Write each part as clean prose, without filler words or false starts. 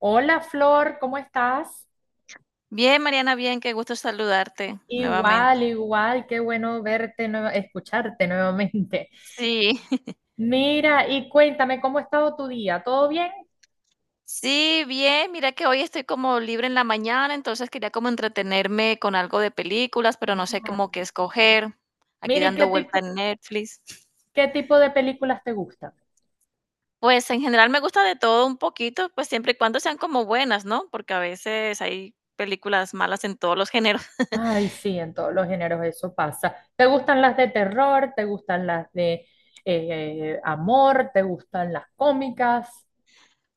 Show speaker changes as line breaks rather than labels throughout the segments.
Hola Flor, ¿cómo estás?
Bien, Mariana, bien, qué gusto saludarte nuevamente.
Igual, igual, qué bueno verte, escucharte nuevamente.
Sí,
Mira, y cuéntame, ¿cómo ha estado tu día? ¿Todo bien?
sí, bien, mira que hoy estoy como libre en la mañana, entonces quería como entretenerme con algo de películas, pero no sé
Ah.
cómo qué escoger, aquí
Mira, ¿y qué
dando vuelta
tipo,
en Netflix.
qué tipo de películas te gustan?
Pues en general me gusta de todo un poquito, pues siempre y cuando sean como buenas, ¿no? Porque a veces hay películas malas en todos los géneros.
Ay, sí, en todos los géneros eso pasa. ¿Te gustan las de terror? ¿Te gustan las de amor? ¿Te gustan las cómicas?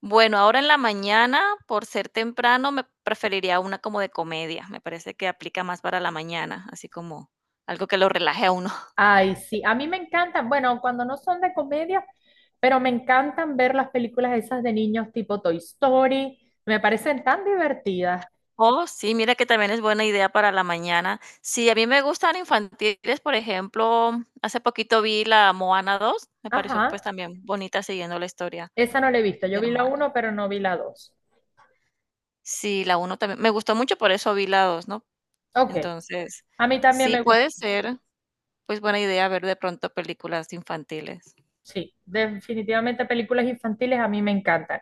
Bueno, ahora en la mañana, por ser temprano, me preferiría una como de comedia. Me parece que aplica más para la mañana, así como algo que lo relaje a uno.
Ay, sí, a mí me encantan, bueno, cuando no son de comedia, pero me encantan ver las películas esas de niños tipo Toy Story, me parecen tan divertidas.
Oh, sí, mira que también es buena idea para la mañana. Sí, a mí me gustan infantiles, por ejemplo, hace poquito vi la Moana dos, me pareció pues
Ajá,
también bonita siguiendo la historia
esa no la he visto, yo
de
vi
la
la
Moana.
uno, pero no vi la dos.
Sí, la uno también, me gustó mucho, por eso vi la 2, ¿no?
Ok,
Entonces,
a mí también
sí
me gusta.
puede ser pues buena idea ver de pronto películas infantiles.
Sí, definitivamente películas infantiles a mí me encantan.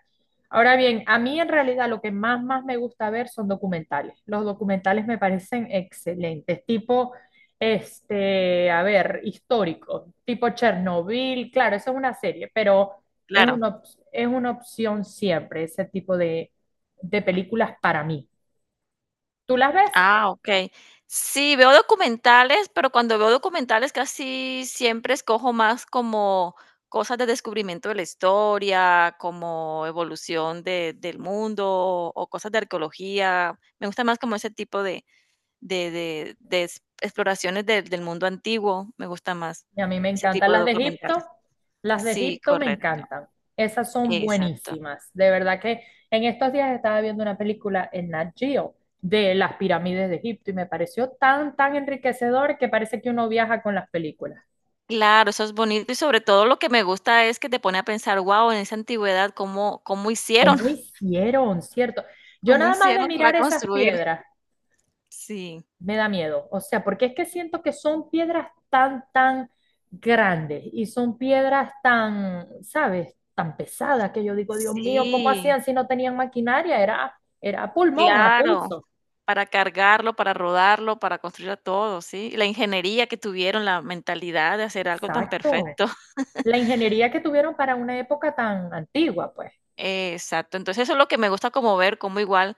Ahora bien, a mí en realidad lo que más me gusta ver son documentales. Los documentales me parecen excelentes, tipo, a ver, históricos, tipo Chernobyl, claro, eso es una serie, pero es
Claro.
una, op- es una opción siempre ese tipo de películas para mí. ¿Tú las ves?
Ah, okey. Sí, veo documentales, pero cuando veo documentales casi siempre escojo más como cosas de descubrimiento de la historia, como evolución de del mundo o cosas de arqueología. Me gusta más como ese tipo de ex exploraciones del mundo antiguo, me gusta más
Y a mí me
ese
encantan
tipo de documentales.
las de
Sí,
Egipto me
correcto,
encantan. Esas son
exacto.
buenísimas. De verdad que en estos días estaba viendo una película en Nat Geo de las pirámides de Egipto y me pareció tan, tan enriquecedor que parece que uno viaja con las películas.
Claro, eso es bonito y sobre todo lo que me gusta es que te pone a pensar, guau, en esa antigüedad, ¿cómo hicieron?
¿Cómo hicieron, cierto? Yo
¿Cómo
nada más de
hicieron para
mirar esas
construir?
piedras
Sí,
me da miedo. O sea, porque es que siento que son piedras tan, tan grandes y son piedras tan, ¿sabes? Tan pesadas que yo digo, Dios mío, ¿cómo
sí,
hacían si no tenían maquinaria? Era a pulmón, a
claro,
pulso.
para cargarlo, para rodarlo, para construirlo todo, sí. La ingeniería que tuvieron, la mentalidad de hacer algo tan
Exacto.
perfecto.
La ingeniería que tuvieron para una época tan antigua, pues.
Exacto. Entonces, eso es lo que me gusta como ver, como igual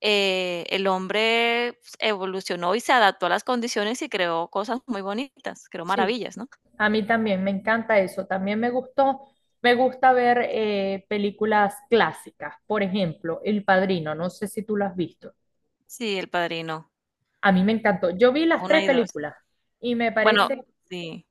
el hombre pues, evolucionó y se adaptó a las condiciones y creó cosas muy bonitas, creó
Sí,
maravillas, ¿no?
a mí también me encanta eso. También me gustó, me gusta ver películas clásicas. Por ejemplo, El Padrino, no sé si tú lo has visto.
Sí, El Padrino,
A mí me encantó. Yo vi las
1
tres
y 2.
películas y me
Bueno.
parece,
Sí,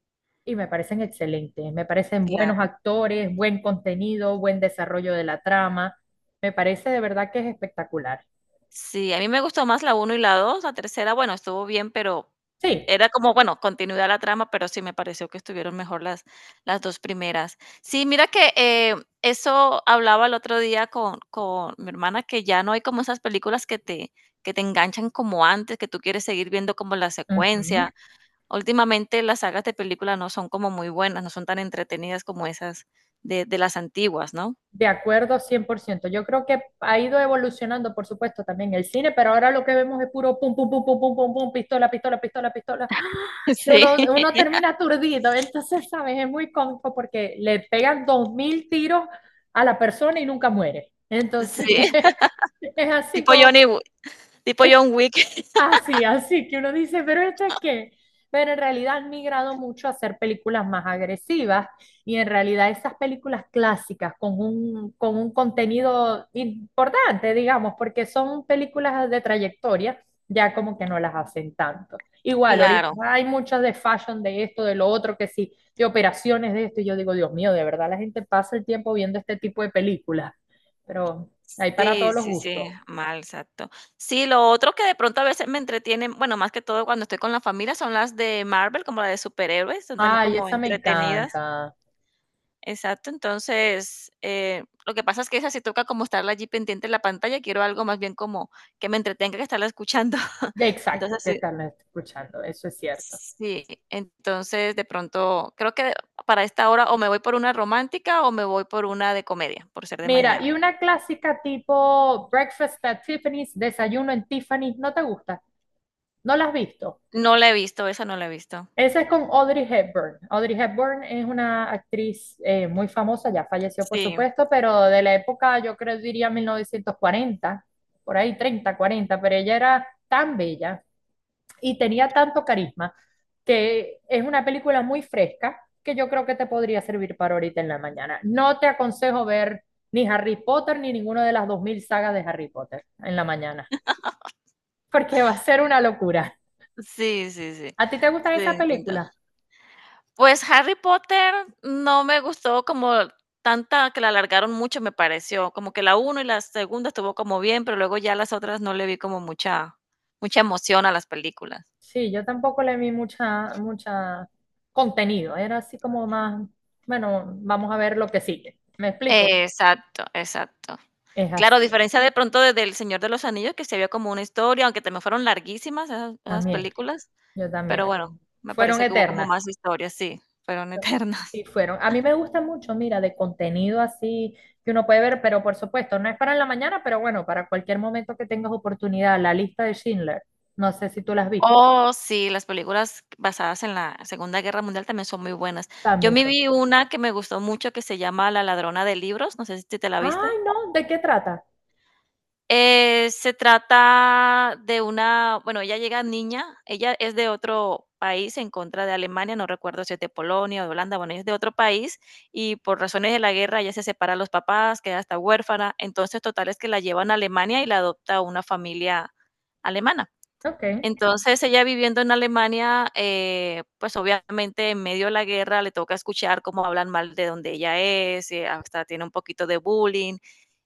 y me parecen excelentes. Me parecen buenos
claro.
actores, buen contenido, buen desarrollo de la trama. Me parece de verdad que es espectacular.
Sí, a mí me gustó más la uno y la 2, la tercera, bueno, estuvo bien, pero
Sí,
era como, bueno, continuidad la trama, pero sí me pareció que estuvieron mejor las 2 primeras. Sí, mira que, eso hablaba el otro día con mi hermana, que ya no hay como esas películas que te enganchan como antes, que tú quieres seguir viendo como la
ujú.
secuencia. Últimamente las sagas de películas no son como muy buenas, no son tan entretenidas como esas de las antiguas, ¿no?
De acuerdo, 100%. Yo creo que ha ido evolucionando, por supuesto, también el cine, pero ahora lo que vemos es puro pum, pum, pum, pum, pum, pum, pum, pistola, pistola, pistola, pistola. Que uno,
Sí,
uno termina aturdido, entonces, ¿sabes? Es muy cómico porque le pegan 2.000 tiros a la persona y nunca muere. Entonces,
sí,
es así
tipo
como...
Johnny Wi tipo John Wick.
Así, así que uno dice, pero esto es qué. Pero en realidad han migrado mucho a hacer películas más agresivas y en realidad esas películas clásicas con un contenido importante, digamos, porque son películas de trayectoria, ya como que no las hacen tanto. Igual, ahorita
Claro,
hay muchas de fashion, de esto, de lo otro, que sí, de operaciones de esto, y yo digo, Dios mío, de verdad la gente pasa el tiempo viendo este tipo de películas, pero hay para
sí,
todos los
sí, sí,
gustos.
mal, exacto. Sí, lo otro que de pronto a veces me entretienen, bueno, más que todo cuando estoy con la familia, son las de Marvel, como las de superhéroes, son también
Ay,
como
esa me
entretenidas.
encanta.
Exacto, entonces, lo que pasa es que esa sí toca como estarla allí pendiente en la pantalla, quiero algo más bien como que me entretenga que estarla escuchando.
Exacto,
Entonces,
te
sí,
están escuchando, eso es cierto.
sí, entonces de pronto creo que para esta hora o me voy por una romántica o me voy por una de comedia, por ser de
Mira, y
mañana.
una clásica tipo Breakfast at Tiffany's, Desayuno en Tiffany's, ¿no te gusta? ¿No la has visto?
No la he visto, esa no la he visto.
Esa es con Audrey Hepburn. Audrey Hepburn es una actriz muy famosa, ya falleció por
Sí,
supuesto, pero de la época, yo creo, diría 1940, por ahí treinta, cuarenta, pero ella era tan bella y tenía tanto carisma que es una película muy fresca que yo creo que te podría servir para ahorita en la mañana. No te aconsejo ver ni Harry Potter ni ninguna de las 2.000 sagas de Harry Potter en la mañana, porque va a ser una locura.
sí, sí, sí,
¿A ti te gustan
sí,
esas
intento.
películas?
Pues, Harry Potter no me gustó como tanta que la alargaron mucho, me pareció, como que la uno y la segunda estuvo como bien, pero luego ya las otras no le vi como mucha mucha emoción a las películas.
Sí, yo tampoco le vi mucha, mucha contenido, era así como más, bueno, vamos a ver lo que sigue. ¿Me explico?
Exacto, exacto.
Es
Claro, a
así,
diferencia de pronto de del Señor de los Anillos, que se vio como una historia, aunque también fueron larguísimas esas
también,
películas,
yo también.
pero bueno,
Fueron,
me
fueron
parece que hubo como
eternas.
más historia, sí, fueron
Bueno,
eternas.
sí fueron. A mí me gusta mucho, mira, de contenido así que uno puede ver, pero por supuesto, no es para la mañana, pero bueno, para cualquier momento que tengas oportunidad, la lista de Schindler, no sé si tú la has visto,
Oh, sí, las películas basadas en la Segunda Guerra Mundial también son muy buenas. Yo
también
me
son.
vi una que me gustó mucho que se llama La ladrona de libros, no sé si te la viste.
Ay, no, ¿de qué trata?
Se trata de una, bueno, ella llega niña, ella es de otro país en contra de Alemania, no recuerdo si es de Polonia o de Holanda, bueno, ella es de otro país y por razones de la guerra ella se separa de los papás, queda hasta huérfana, entonces total es que la llevan a Alemania y la adopta una familia alemana.
Ok,
Entonces, ella viviendo en Alemania, pues, obviamente, en medio de la guerra le toca escuchar cómo hablan mal de donde ella es, hasta tiene un poquito de bullying,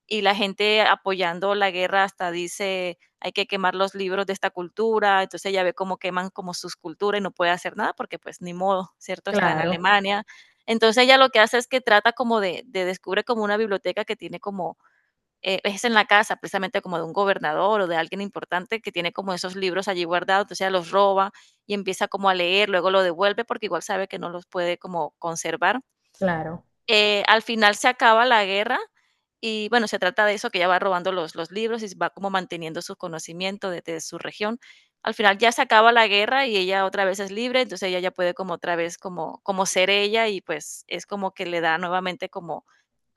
y la gente apoyando la guerra hasta dice: "Hay que quemar los libros de esta cultura". Entonces, ella ve cómo queman como sus culturas y no puede hacer nada porque, pues, ni modo, ¿cierto? Está en
claro,
Alemania. Entonces, ella lo que hace es que trata como de descubre como una biblioteca que tiene como es en la casa, precisamente como de un gobernador o de alguien importante que tiene como esos libros allí guardados, entonces ella los roba y empieza como a leer, luego lo devuelve porque igual sabe que no los puede como conservar.
claro.
Al final se acaba la guerra y bueno, se trata de eso, que ella va robando los libros y va como manteniendo sus conocimientos de su región. Al final ya se acaba la guerra y ella otra vez es libre, entonces ella ya puede como otra vez como, como ser ella y pues es como que le da nuevamente como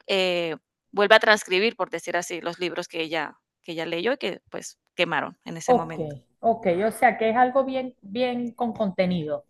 eh, vuelve a transcribir, por decir así, los libros que ella leyó y que, pues, quemaron en ese
Ok,
momento.
ok, o sea que es algo bien, bien con contenido.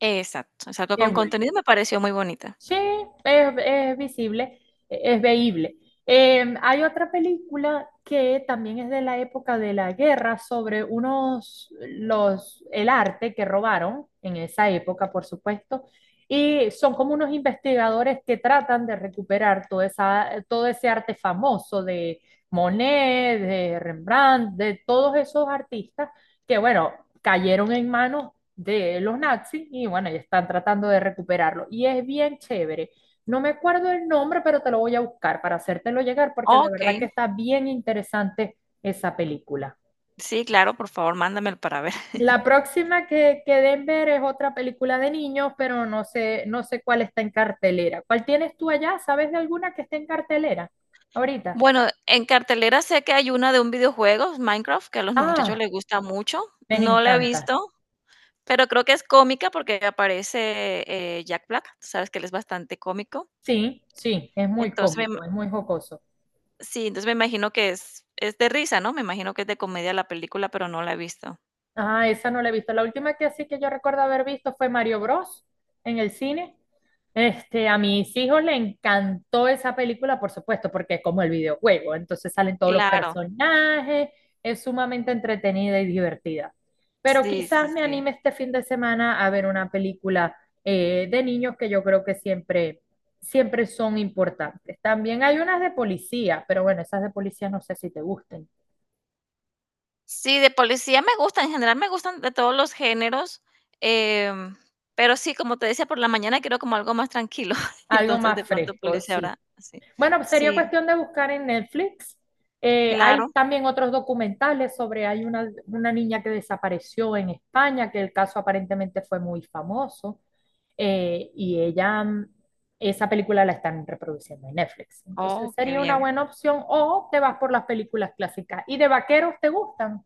Exacto, exacto,
Qué
con
bueno.
contenido me pareció muy bonita.
Sí, es visible, es veíble. Hay otra película que también es de la época de la guerra sobre unos, los, el arte que robaron en esa época, por supuesto, y son como unos investigadores que tratan de recuperar toda esa, todo ese arte famoso de Monet, de Rembrandt, de todos esos artistas que bueno, cayeron en manos de los nazis y bueno, y están tratando de recuperarlo. Y es bien chévere. No me acuerdo el nombre, pero te lo voy a buscar para hacértelo llegar porque de verdad
Okey,
que está bien interesante esa película.
sí, claro, por favor, mándamelo para ver.
La próxima que den ver es otra película de niños, pero no sé, no sé cuál está en cartelera. ¿Cuál tienes tú allá? ¿Sabes de alguna que esté en cartelera ahorita?
Bueno, en cartelera sé que hay una de un videojuego, Minecraft, que a los muchachos
Ah,
les gusta mucho.
me
No la he
encanta.
visto, pero creo que es cómica porque aparece, Jack Black, tú sabes que él es bastante cómico.
Sí, sí, es muy
Entonces, me ima
cómico, es muy jocoso.
sí, entonces me imagino que es de risa, ¿no? Me imagino que es de comedia la película, pero no la he visto.
Ah, esa no la he visto. La última que así que yo recuerdo haber visto fue Mario Bros. En el cine. A mis hijos le encantó esa película, por supuesto, porque es como el videojuego. Entonces salen todos los
Claro.
personajes, es sumamente entretenida y divertida. Pero
Sí,
quizás
sí,
me
sí.
anime este fin de semana a ver una película de niños que yo creo que siempre, siempre son importantes. También hay unas de policía, pero bueno, esas de policía no sé si te gusten.
Sí, de policía me gusta, en general me gustan de todos los géneros, em, pero sí, como te decía, por la mañana quiero como algo más tranquilo,
Algo
entonces de
más
pronto
fresco,
policía
sí.
ahora, sí.
Bueno, sería
Sí,
cuestión de buscar en Netflix. Hay
claro.
también otros documentales sobre, hay una niña que desapareció en España, que el caso aparentemente fue muy famoso, y ella, esa película la están reproduciendo en Netflix. Entonces
Oh, qué
sería una
bien.
buena opción o te vas por las películas clásicas. ¿Y de vaqueros te gustan?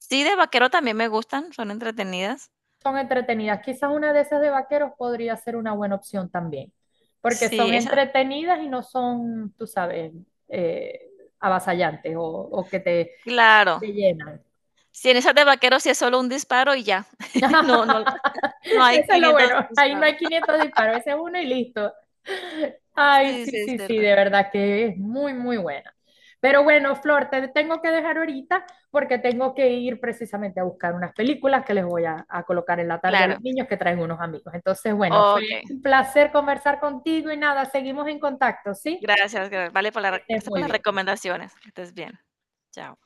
Sí, de vaquero también me gustan, son entretenidas.
Son entretenidas. Quizás una de esas de vaqueros podría ser una buena opción también, porque
Sí,
son
esa
entretenidas y no son, tú sabes, eh, avasallantes o que te,
Claro.
te llenan.
Sí, en esas de vaquero sí es solo un disparo y ya. No no no hay
Eso es lo
500
bueno. Ahí no
disparos.
hay 500 disparos, ese es uno y listo. Ay,
Sí,
sí,
sí, es
sí, sí,
cierto.
de verdad que es muy, muy buena. Pero bueno, Flor, te tengo que dejar ahorita porque tengo que ir precisamente a buscar unas películas que les voy a colocar en la tarde a los
Claro,
niños que traen unos amigos. Entonces, bueno, fue
okey.
un placer conversar contigo y nada, seguimos en contacto, ¿sí?
Gracias,
Que estés
gracias por
muy
las
bien.
recomendaciones. Que estés bien. Chao.